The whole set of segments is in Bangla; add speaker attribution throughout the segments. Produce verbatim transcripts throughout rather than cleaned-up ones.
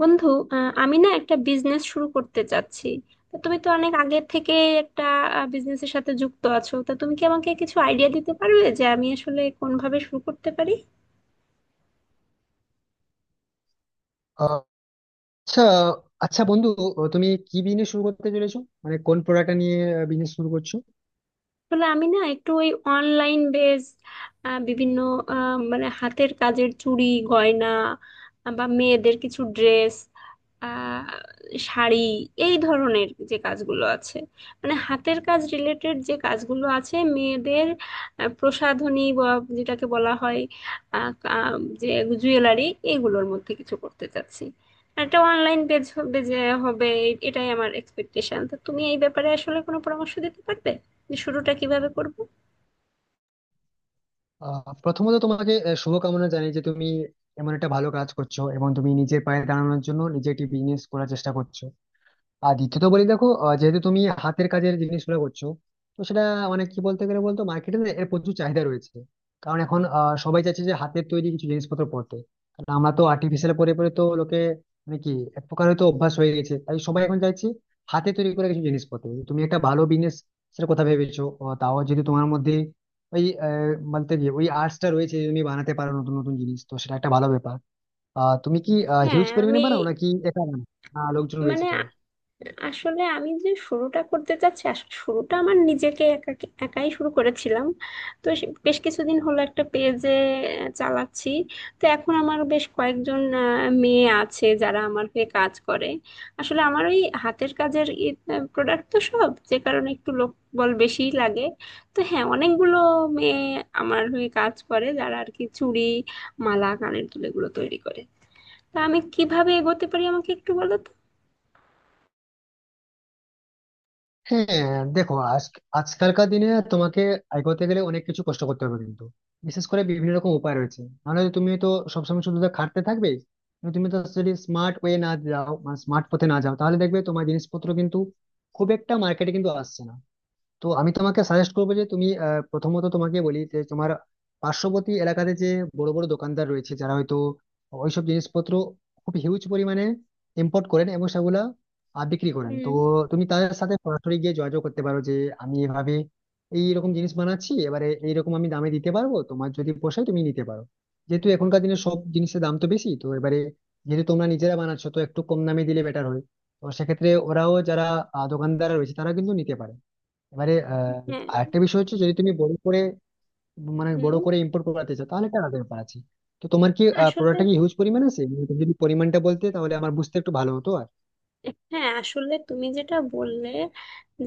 Speaker 1: বন্ধু, আহ, আমি না একটা বিজনেস শুরু করতে চাচ্ছি। তা তুমি তো অনেক আগে থেকে একটা বিজনেসের সাথে যুক্ত আছো, তা তুমি কি আমাকে কিছু আইডিয়া দিতে পারবে যে আমি আসলে কোনভাবে শুরু করতে পারি?
Speaker 2: আহ, আচ্ছা আচ্ছা বন্ধু, তুমি কি বিজনেস শুরু করতে চলেছো? মানে কোন প্রোডাক্টটা নিয়ে বিজনেস শুরু করছো?
Speaker 1: আসলে আমি না একটু ওই অনলাইন বেস বিভিন্ন, আহ, মানে হাতের কাজের চুড়ি গয়না, আহ, বা মেয়েদের কিছু ড্রেস, শাড়ি, এই ধরনের যে কাজগুলো আছে, মানে হাতের কাজ রিলেটেড যে কাজগুলো আছে মেয়েদের, আহ, প্রসাধনী বা যেটাকে বলা হয়, আহ, আহ, যে জুয়েলারি, এইগুলোর মধ্যে কিছু করতে চাচ্ছি। একটা অনলাইন পেজ হবে, যে হবে, এটাই আমার এক্সপেকটেশন। তো তুমি এই ব্যাপারে আসলে কোনো পরামর্শ দিতে পারবে যে শুরুটা কিভাবে করব?
Speaker 2: আহ, প্রথমত তোমাকে আহ, শুভকামনা জানাই যে তুমি এমন একটা ভালো কাজ করছো, এবং তুমি নিজের পায়ে দাঁড়ানোর জন্য নিজে একটি বিজনেস করার চেষ্টা করছো। আর দ্বিতীয়ত বলি, দেখো, আহ, যেহেতু তুমি হাতের কাজের জিনিসগুলো করছো, তো সেটা মানে কি বলতে গেলে বলতো, মার্কেটে না এর প্রচুর চাহিদা রয়েছে। কারণ এখন আহ, সবাই চাইছে যে হাতের তৈরি কিছু জিনিসপত্র পরতে। কারণ আমরা তো আর্টিফিশিয়াল পরে পরে তো লোকে মানে কি এক প্রকার হয়তো অভ্যাস হয়ে গেছে, তাই সবাই এখন চাইছে হাতে তৈরি করে কিছু জিনিস পরতে। তুমি একটা ভালো বিজনেস সেটা কথা ভেবেছো, আহ, তাও যদি তোমার মধ্যে ওই আহ, বলতে গিয়ে ওই আর্টসটা রয়েছে যে তুমি বানাতে পারো নতুন নতুন জিনিস, তো সেটা একটা ভালো ব্যাপার। আহ তুমি কি
Speaker 1: হ্যাঁ,
Speaker 2: হিউজ পরিমাণে
Speaker 1: আমি।
Speaker 2: বানাও নাকি একা বানাও, না লোকজন রয়েছে
Speaker 1: মানে আ-
Speaker 2: তোমার?
Speaker 1: আসলে আমি যে শুরুটা করতে চাচ্ছি, আসলে শুরুটা আমার নিজেকে একা একাই শুরু করেছিলাম। তো সে- বেশ কিছুদিন হলো একটা পেজে চালাচ্ছি। তো এখন আমার বেশ কয়েকজন আহ, মেয়ে আছে যারা আমার হয়ে কাজ করে। আসলে আমার ওই হাতের কাজের প্রোডাক্ট, তো সব যে কারণে একটু লোকবল বেশিই লাগে। তো হ্যাঁ, অনেকগুলো মেয়ে আমার হয়ে কাজ করে, যারা আর কি চুড়ি, মালা, কানের দুল এগুলো তৈরি করে। তা আমি কিভাবে এগোতে পারি, আমাকে একটু বলো তো?
Speaker 2: হ্যাঁ দেখো, আজ আজকালকার দিনে তোমাকে আয় করতে গেলে অনেক কিছু কষ্ট করতে হবে, কিন্তু বিশেষ করে বিভিন্ন রকম উপায় রয়েছে, নাহলে তুমি তো সবসময় শুধু তো খাটতে থাকবে। কিন্তু তুমি তো যদি স্মার্ট ওয়ে না যাও, মানে স্মার্ট পথে না যাও, তাহলে দেখবে তোমার জিনিসপত্র কিন্তু খুব একটা মার্কেটে কিন্তু আসছে না। তো আমি তোমাকে সাজেস্ট করবো যে তুমি, আহ, প্রথমত তোমাকে বলি যে তোমার পার্শ্ববর্তী এলাকাতে যে বড় বড় দোকানদার রয়েছে যারা হয়তো ওইসব জিনিসপত্র খুব হিউজ পরিমাণে ইম্পোর্ট করেন এবং সেগুলা আহ, বিক্রি করেন। তো
Speaker 1: হুম।
Speaker 2: তুমি তাদের সাথে সরাসরি গিয়ে যোগাযোগ করতে পারো যে আমি এভাবে এইরকম জিনিস বানাচ্ছি, এবারে এইরকম আমি দামে দিতে পারবো, তোমার যদি পোষায় তুমি নিতে পারো। যেহেতু এখনকার দিনে সব জিনিসের দাম তো বেশি, তো এবারে যেহেতু তোমরা নিজেরা বানাচ্ছো, তো একটু কম দামে দিলে বেটার হয়। তো সেক্ষেত্রে ওরাও, যারা আহ, দোকানদার রয়েছে, তারা কিন্তু নিতে পারে। এবারে আহ
Speaker 1: হ্যাঁ।
Speaker 2: আরেকটা বিষয় হচ্ছে, যদি তুমি বড় করে মানে বড়
Speaker 1: হুম।
Speaker 2: করে ইম্পোর্ট করাতে চাও, তাহলে একটা আলাদা ব্যাপার আছে। তো তোমার কি
Speaker 1: আসলে।
Speaker 2: প্রোডাক্টটা কি হিউজ পরিমাণ আছে? মানে তুমি যদি পরিমাণটা বলতে তাহলে আমার বুঝতে একটু ভালো হতো আর,
Speaker 1: হ্যাঁ, আসলে তুমি যেটা বললে,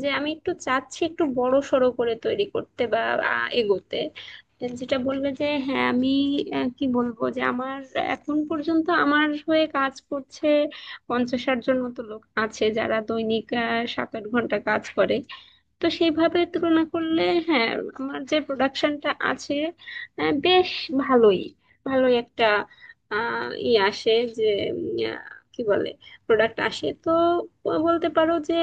Speaker 1: যে আমি একটু চাচ্ছি একটু বড় সড়ো করে তৈরি করতে বা আ, এগোতে, যেটা বললে যে হ্যাঁ আমি, আহ, কি বলবো, যে আমার এখন পর্যন্ত আমার হয়ে কাজ করছে পঞ্চাশ ষাট জন মতো লোক আছে, যারা দৈনিক আহ, সাত আট ঘন্টা কাজ করে। তো সেইভাবে তুলনা করলে, হ্যাঁ, আমার যে প্রোডাকশনটা আছে, আহ, বেশ ভালোই ভালোই একটা আহ ই আসে, যে উম, আহ, কি বলে, প্রোডাক্ট আসে। তো বলতে পারো যে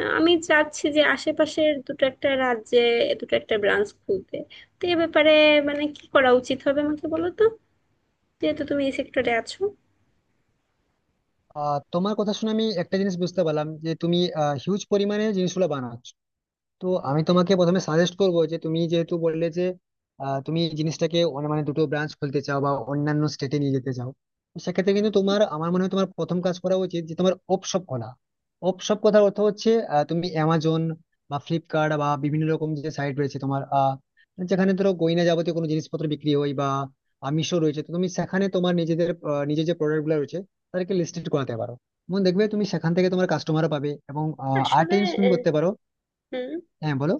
Speaker 1: আহ, আমি চাচ্ছি যে আশেপাশের দুটো একটা রাজ্যে দুটো একটা ব্রাঞ্চ খুলতে। তো এ ব্যাপারে মানে কি করা উচিত হবে আমাকে বলো তো, যেহেতু তুমি এই সেক্টরে আছো?
Speaker 2: আহ, তোমার কথা শুনে আমি একটা জিনিস বুঝতে পারলাম যে তুমি হিউজ পরিমাণে জিনিসগুলো বানাচ্ছ। তো আমি তোমাকে প্রথমে সাজেস্ট করবো যে তুমি যেহেতু বললে যে আহ, তুমি এই জিনিসটাকে অনে- মানে দুটো ব্রাঞ্চ খুলতে চাও বা অন্যান্য স্টেটে নিয়ে যেতে চাও। তো সেক্ষেত্রে কিন্তু তোমার, আমার মনে হয় তোমার প্রথম কাজ করা উচিত যে তোমার অপশপ খোলা। অপশপ কথার অর্থ হচ্ছে, আহ, তুমি অ্যামাজন বা ফ্লিপকার্ট বা বিভিন্ন রকম যে সাইট রয়েছে তোমার, আহ, যেখানে ধরো গয়না যাবতীয় কোনো জিনিসপত্র বিক্রি হয়, বা আহ, মিশো রয়েছে, তো তুমি সেখানে তোমার নিজেদের আহ, নিজের যে প্রোডাক্ট গুলো রয়েছে তাদেরকে লিস্টেড করাতে পারো। এবং দেখবে তুমি সেখান থেকে তোমার কাস্টমারও পাবে, এবং আরেকটা
Speaker 1: আসলে।
Speaker 2: জিনিস তুমি
Speaker 1: আহ,
Speaker 2: করতে পারো।
Speaker 1: হুম।
Speaker 2: হ্যাঁ বলো।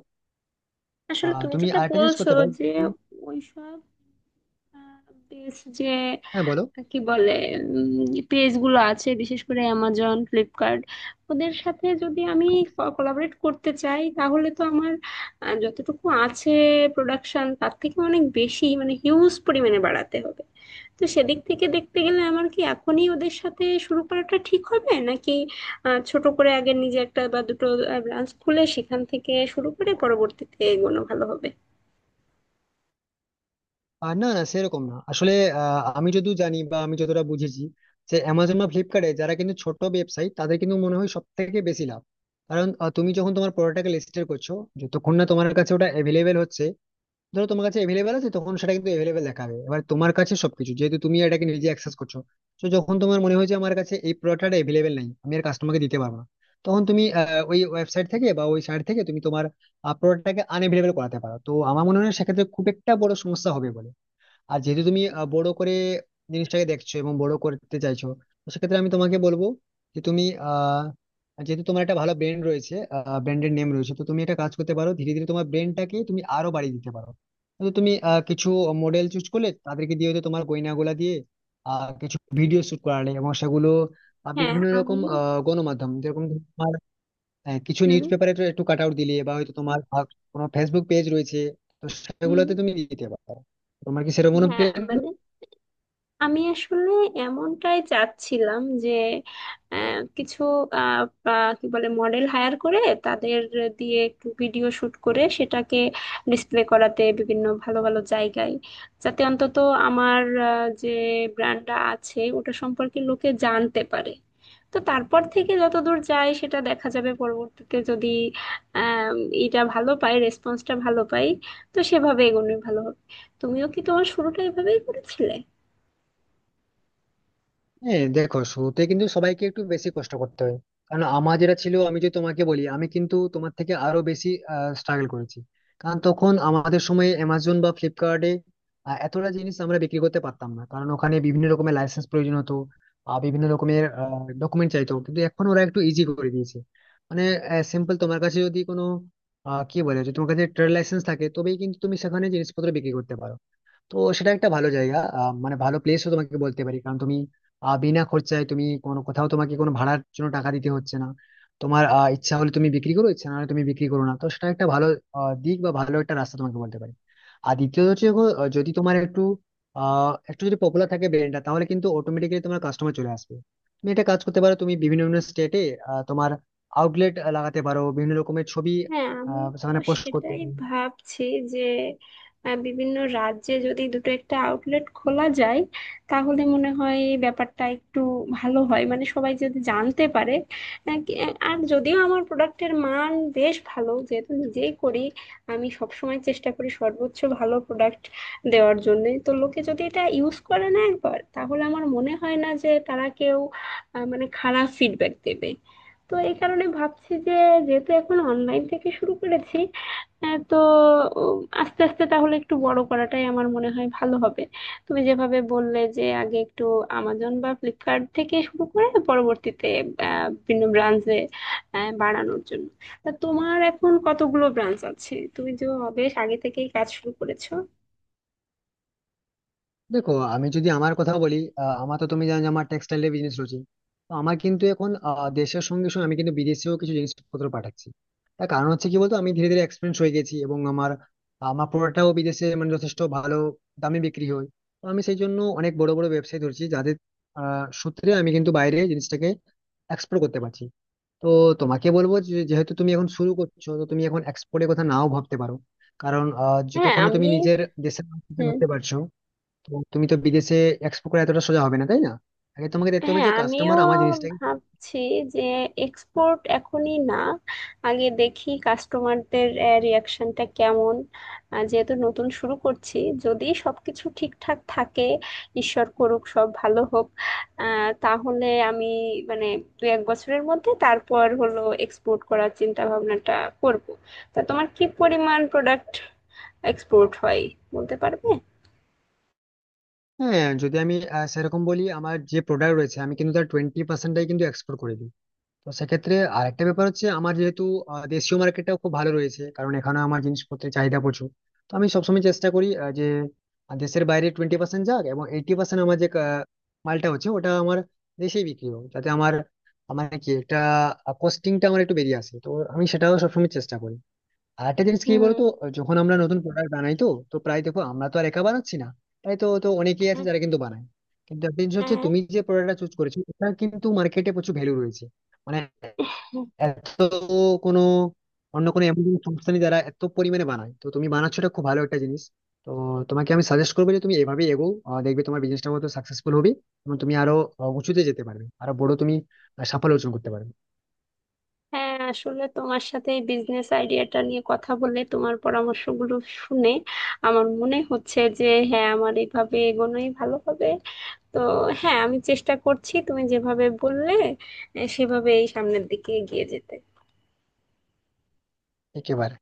Speaker 1: আসলে
Speaker 2: আহ
Speaker 1: তুমি
Speaker 2: তুমি
Speaker 1: যেটা
Speaker 2: আরেকটা জিনিস
Speaker 1: বলছো,
Speaker 2: করতে পারো।
Speaker 1: যে ওইসব, বেশ, যে
Speaker 2: হ্যাঁ বলো।
Speaker 1: কি বলে, পেজ গুলো আছে, বিশেষ করে অ্যামাজন, ফ্লিপকার্ট, ওদের সাথে যদি আমি কোলাবরেট করতে চাই তাহলে তো আমার আহ, যতটুকু আছে প্রোডাকশন, তার থেকে অনেক বেশি মানে হিউজ পরিমাণে বাড়াতে হবে। তো সেদিক থেকে দেখতে গেলে আমার কি এখনই ওদের সাথে শুরু করাটা ঠিক হবে, নাকি আহ, ছোট করে আগে নিজে একটা বা দুটো ব্রাঞ্চ খুলে সেখান থেকে শুরু করে পরবর্তীতে এগোনো ভালো হবে?
Speaker 2: আহ, না না সেরকম না আসলে। আহ, আমি যদিও জানি, বা আমি যতটা বুঝেছি, যে অ্যামাজন বা ফ্লিপকার্টে যারা কিন্তু ছোট ব্যবসায়ী তাদের কিন্তু মনে হয় সব থেকে বেশি লাভ। কারণ আহ, তুমি যখন তোমার প্রোডাক্টটাকে লিস্টেড করছো, যতক্ষণ না তোমার কাছে ওটা অ্যাভেলেবেল হচ্ছে, ধরো তোমার কাছে অ্যাভেলেবেল আছে তখন সেটা কিন্তু অ্যাভেলেবেল দেখাবে, এবার তোমার কাছে সবকিছু যেহেতু তুমি এটাকে নিজে অ্যাক্সেস করছো। তো যখন তোমার মনে হয় যে আমার কাছে এই প্রোডাক্টটা অ্যাভেলেবেল নেই, আমি আর কাস্টমারকে দিতে পারবো না, তখন তুমি আহ, ওই ওয়েবসাইট থেকে বা ওই সাইট থেকে তুমি তোমার প্রোডাক্টটাকে আনঅ্যাভেলেবেল করাতে পারো। তো আমার মনে হয় সেক্ষেত্রে খুব একটা বড় সমস্যা হবে বলে। আর যেহেতু তুমি আহ, বড় করে জিনিসটাকে দেখছো এবং বড় করতে চাইছো, তো সেক্ষেত্রে আমি তোমাকে বলবো যে তুমি, আহ যেহেতু তোমার একটা ভালো ব্র্যান্ড রয়েছে, ব্র্যান্ডের নেম রয়েছে, তো তুমি একটা কাজ করতে পারো, ধীরে ধীরে তোমার ব্র্যান্ডটাকে তুমি আরো বাড়িয়ে দিতে পারো। তো তুমি আহ, কিছু মডেল চুজ করলে, তাদেরকে দিয়ে হয়তো তোমার গয়নাগুলা দিয়ে আহ কিছু ভিডিও শুট করালে, এবং সেগুলো আহ,
Speaker 1: হ্যাঁ,
Speaker 2: বিভিন্ন রকম
Speaker 1: আমিও।
Speaker 2: আহ গণমাধ্যম, যেরকম, হ্যাঁ, কিছু
Speaker 1: হুম।
Speaker 2: নিউজ পেপারে একটু কাট আউট দিলে, বা হয়তো তোমার বা কোনো ফেসবুক পেজ রয়েছে তো
Speaker 1: হুম।
Speaker 2: সেগুলোতে তুমি দিতে পারো। তোমার কি সেরকম কোনো
Speaker 1: হ্যাঁ,
Speaker 2: প্ল্যান?
Speaker 1: মানে আমি আসলে এমনটাই চাচ্ছিলাম যে আহ, কিছু আহ, বা- কি বলে মডেল হায়ার করে তাদের দিয়ে একটু ভিডিও শুট করে সেটাকে ডিসপ্লে করাতে বিভিন্ন ভালো ভালো জায়গায়, যাতে অন্তত আমার আহ, যে ব্র্যান্ডটা আছে ওটা সম্পর্কে লোকে জানতে পারে। তো তারপর থেকে যতদূর যায় সেটা দেখা যাবে, পরবর্তীতে যদি আহ এটা ভালো পাই, রেসপন্সটা ভালো পাই, তো সেভাবে এগোনোই ভালো হবে। তুমিও কি তোমার শুরুটা এভাবেই করেছিলে?
Speaker 2: হ্যাঁ দেখো, শুরুতে কিন্তু সবাইকে একটু বেশি কষ্ট করতে হয়। কারণ আমার যেটা ছিল, আমি যদি তোমাকে বলি, আমি কিন্তু তোমার থেকে আরো বেশি স্ট্রাগল করেছি। কারণ তখন আমাদের সময় অ্যামাজন বা ফ্লিপকার্টে এতটা জিনিস আমরা বিক্রি করতে পারতাম না, কারণ ওখানে বিভিন্ন রকমের লাইসেন্স প্রয়োজন হতো আর বিভিন্ন রকমের ডকুমেন্ট চাইতো, কিন্তু এখন ওরা একটু ইজি করে দিয়েছে। মানে সিম্পল, তোমার কাছে যদি কোনো আহ, কি বলে, যদি তোমার কাছে ট্রেড লাইসেন্স থাকে তবেই কিন্তু তুমি সেখানে জিনিসপত্র বিক্রি করতে পারো। তো সেটা একটা ভালো জায়গা, আহ, মানে ভালো প্লেসও তোমাকে বলতে পারি, কারণ তুমি আহ, বিনা খরচায় তুমি কোনো, কোথাও তোমাকে কোনো ভাড়ার জন্য টাকা দিতে হচ্ছে না। তোমার আহ, ইচ্ছা হলে তুমি বিক্রি করো, ইচ্ছা না হলে তুমি বিক্রি করো না, তো সেটা একটা ভালো আহ, দিক বা ভালো একটা রাস্তা তোমাকে বলতে পারি। আর দ্বিতীয়ত হচ্ছে দেখো, আহ, যদি তোমার একটু আহ একটু যদি পপুলার থাকে ব্র্যান্ডটা, তাহলে কিন্তু অটোমেটিক্যালি তোমার কাস্টমার চলে আসবে। তুমি একটা কাজ করতে পারো, তুমি বিভিন্ন বিভিন্ন স্টেটে তোমার আউটলেট লাগাতে পারো, বিভিন্ন রকমের ছবি
Speaker 1: হ্যাঁ, আমি
Speaker 2: আহ, সেখানে পোস্ট করতে
Speaker 1: সেটাই
Speaker 2: পারো।
Speaker 1: ভাবছি, যে আহ, বিভিন্ন রাজ্যে যদি দুটো একটা আউটলেট খোলা যায় তাহলে মনে হয় এই ব্যাপারটা একটু ভালো হয়, মানে সবাই যদি জানতে পারে। আহ, কি- আর যদিও আমার প্রোডাক্টের মান বেশ ভালো, যেহেতু নিজেই করি। আমি সবসময় চেষ্টা করি সর্বোচ্চ ভালো প্রোডাক্ট দেওয়ার জন্য, তো লোকে যদি এটা ইউজ করে না একবার তাহলে আমার মনে হয় না যে তারা কেউ আহ, মানে খারাপ ফিডব্যাক দেবে। তো এই কারণে ভাবছি যে, যেহেতু এখন অনলাইন থেকে শুরু করেছি, আহ, তো উম, আস্তে আস্তে তাহলে একটু বড় করাটাই আমার মনে হয় ভালো হবে। তুমি যেভাবে বললে যে আগে একটু আমাজন বা ফ্লিপকার্ট থেকে শুরু করে পরবর্তীতে আহ, বিভিন্ন ব্রাঞ্চে বাড়ানোর জন্য। তা তোমার এখন কতগুলো ব্রাঞ্চ আছে, তুমি যে বেশ আগে থেকেই কাজ শুরু করেছো?
Speaker 2: দেখো, আমি যদি আমার কথা বলি, আহ, আমার তো তুমি জানো যে আমার টেক্সটাইলের বিজনেস রয়েছে। তো আমার কিন্তু এখন আহ, দেশের সঙ্গে সঙ্গে আমি কিন্তু বিদেশেও কিছু জিনিসপত্র পাঠাচ্ছি। তার কারণ হচ্ছে কি বলতো, আমি ধীরে ধীরে এক্সপিরিয়েন্স হয়ে গেছি, এবং আমার আমার প্রোডাক্টটাও বিদেশে মানে যথেষ্ট ভালো দামে বিক্রি হয়। তো আমি সেই জন্য অনেক বড় বড় ব্যবসায়ী ধরছি যাদের আহ সূত্রে আমি কিন্তু বাইরে জিনিসটাকে এক্সপোর্ট করতে পারছি। তো তোমাকে বলবো যে, যেহেতু তুমি এখন শুরু করছো, তো তুমি এখন এক্সপোর্টের কথা নাও ভাবতে পারো। কারণ আহ
Speaker 1: হ্যাঁ,
Speaker 2: যতক্ষণ না তুমি
Speaker 1: আমি।
Speaker 2: নিজের দেশের মাটিতে
Speaker 1: হুম।
Speaker 2: ধরতে পারছো, তো তুমি তো বিদেশে এক্সপোর্ট করে এতটা সোজা হবে না, তাই না? আগে তোমাকে দেখতে হবে
Speaker 1: হ্যাঁ,
Speaker 2: যে
Speaker 1: আমিও
Speaker 2: কাস্টমার আমার জিনিসটাকে,
Speaker 1: ভাবছি যে এক্সপোর্ট এখনই না, আগে দেখি কাস্টমারদের রিয়াকশনটা কেমন। আহ, যেহেতু নতুন শুরু করছি, যদি সবকিছু ঠিকঠাক থাকে, ঈশ্বর করুক সব ভালো হোক, আহ, তাহলে আমি মানে দু এক বছরের মধ্যে তারপর হলো এক্সপোর্ট করার চিন্তা ভাবনাটা করব। তা তোমার কি পরিমাণ প্রোডাক্ট এক্সপোর্ট হয় বলতে পারবে?
Speaker 2: হ্যাঁ যদি আমি আহ, সেরকম বলি, আমার যে প্রোডাক্ট রয়েছে আমি কিন্তু তার টোয়েন্টি পার্সেন্টটাই কিন্তু এক্সপোর্ট করে দিই। তো সেক্ষেত্রে আরেকটা ব্যাপার হচ্ছে, আমার যেহেতু আহ, দেশীয় মার্কেটটাও খুব ভালো রয়েছে, কারণ এখানে আমার জিনিসপত্রের চাহিদা প্রচুর। তো আমি সবসময় চেষ্টা করি আহ, যে আহ, দেশের বাইরে টোয়েন্টি পার্সেন্ট যাক এবং এইটি পার্সেন্ট আমার যে আহ, মালটা হচ্ছে ওটা আমার দেশেই বিক্রি হোক, যাতে আমার, আমার কি একটা কস্টিংটা আমার একটু বেরিয়ে আসে, তো আমি সেটাও সবসময় চেষ্টা করি। আর একটা জিনিস কি
Speaker 1: হুম।
Speaker 2: বলতো, যখন আমরা নতুন প্রোডাক্ট বানাই, তো তো প্রায় দেখো আমরা তো আর একা বানাচ্ছি না, তাই তো তো অনেকেই আছে
Speaker 1: হ্যাঁ।
Speaker 2: যারা কিন্তু বানায়। কিন্তু একটা জিনিস হচ্ছে,
Speaker 1: হ্যাঁ।
Speaker 2: তুমি যে প্রোডাক্টটা চুজ করেছো, এটা কিন্তু মার্কেটে প্রচুর ভ্যালু রয়েছে। মানে এত কোনো অন্য কোনো এমন কোনো সংস্থা নেই যারা এত পরিমাণে বানায়, তো তুমি বানাচ্ছো, এটা খুব ভালো একটা জিনিস। তো তোমাকে আমি সাজেস্ট করবো যে তুমি এভাবেই এগো, আহ, দেখবে তোমার বিজনেসটা হয়তো সাকসেসফুল হবে, এবং তুমি আরো আহ, উঁচুতে যেতে পারবে, আরো বড় তুমি আহ, সাফল্য অর্জন করতে পারবে।
Speaker 1: হ্যাঁ, আসলে তোমার সাথে এই বিজনেস আইডিয়াটা নিয়ে কথা বলে, তোমার পরামর্শগুলো শুনে আমার মনে হচ্ছে যে হ্যাঁ, আমার এইভাবে এগোনোই ভালো হবে। তো হ্যাঁ, আমি চেষ্টা করছি তুমি যেভাবে বললে আহ, সেভাবেই সামনের দিকে এগিয়ে যেতে।
Speaker 2: একেবারে।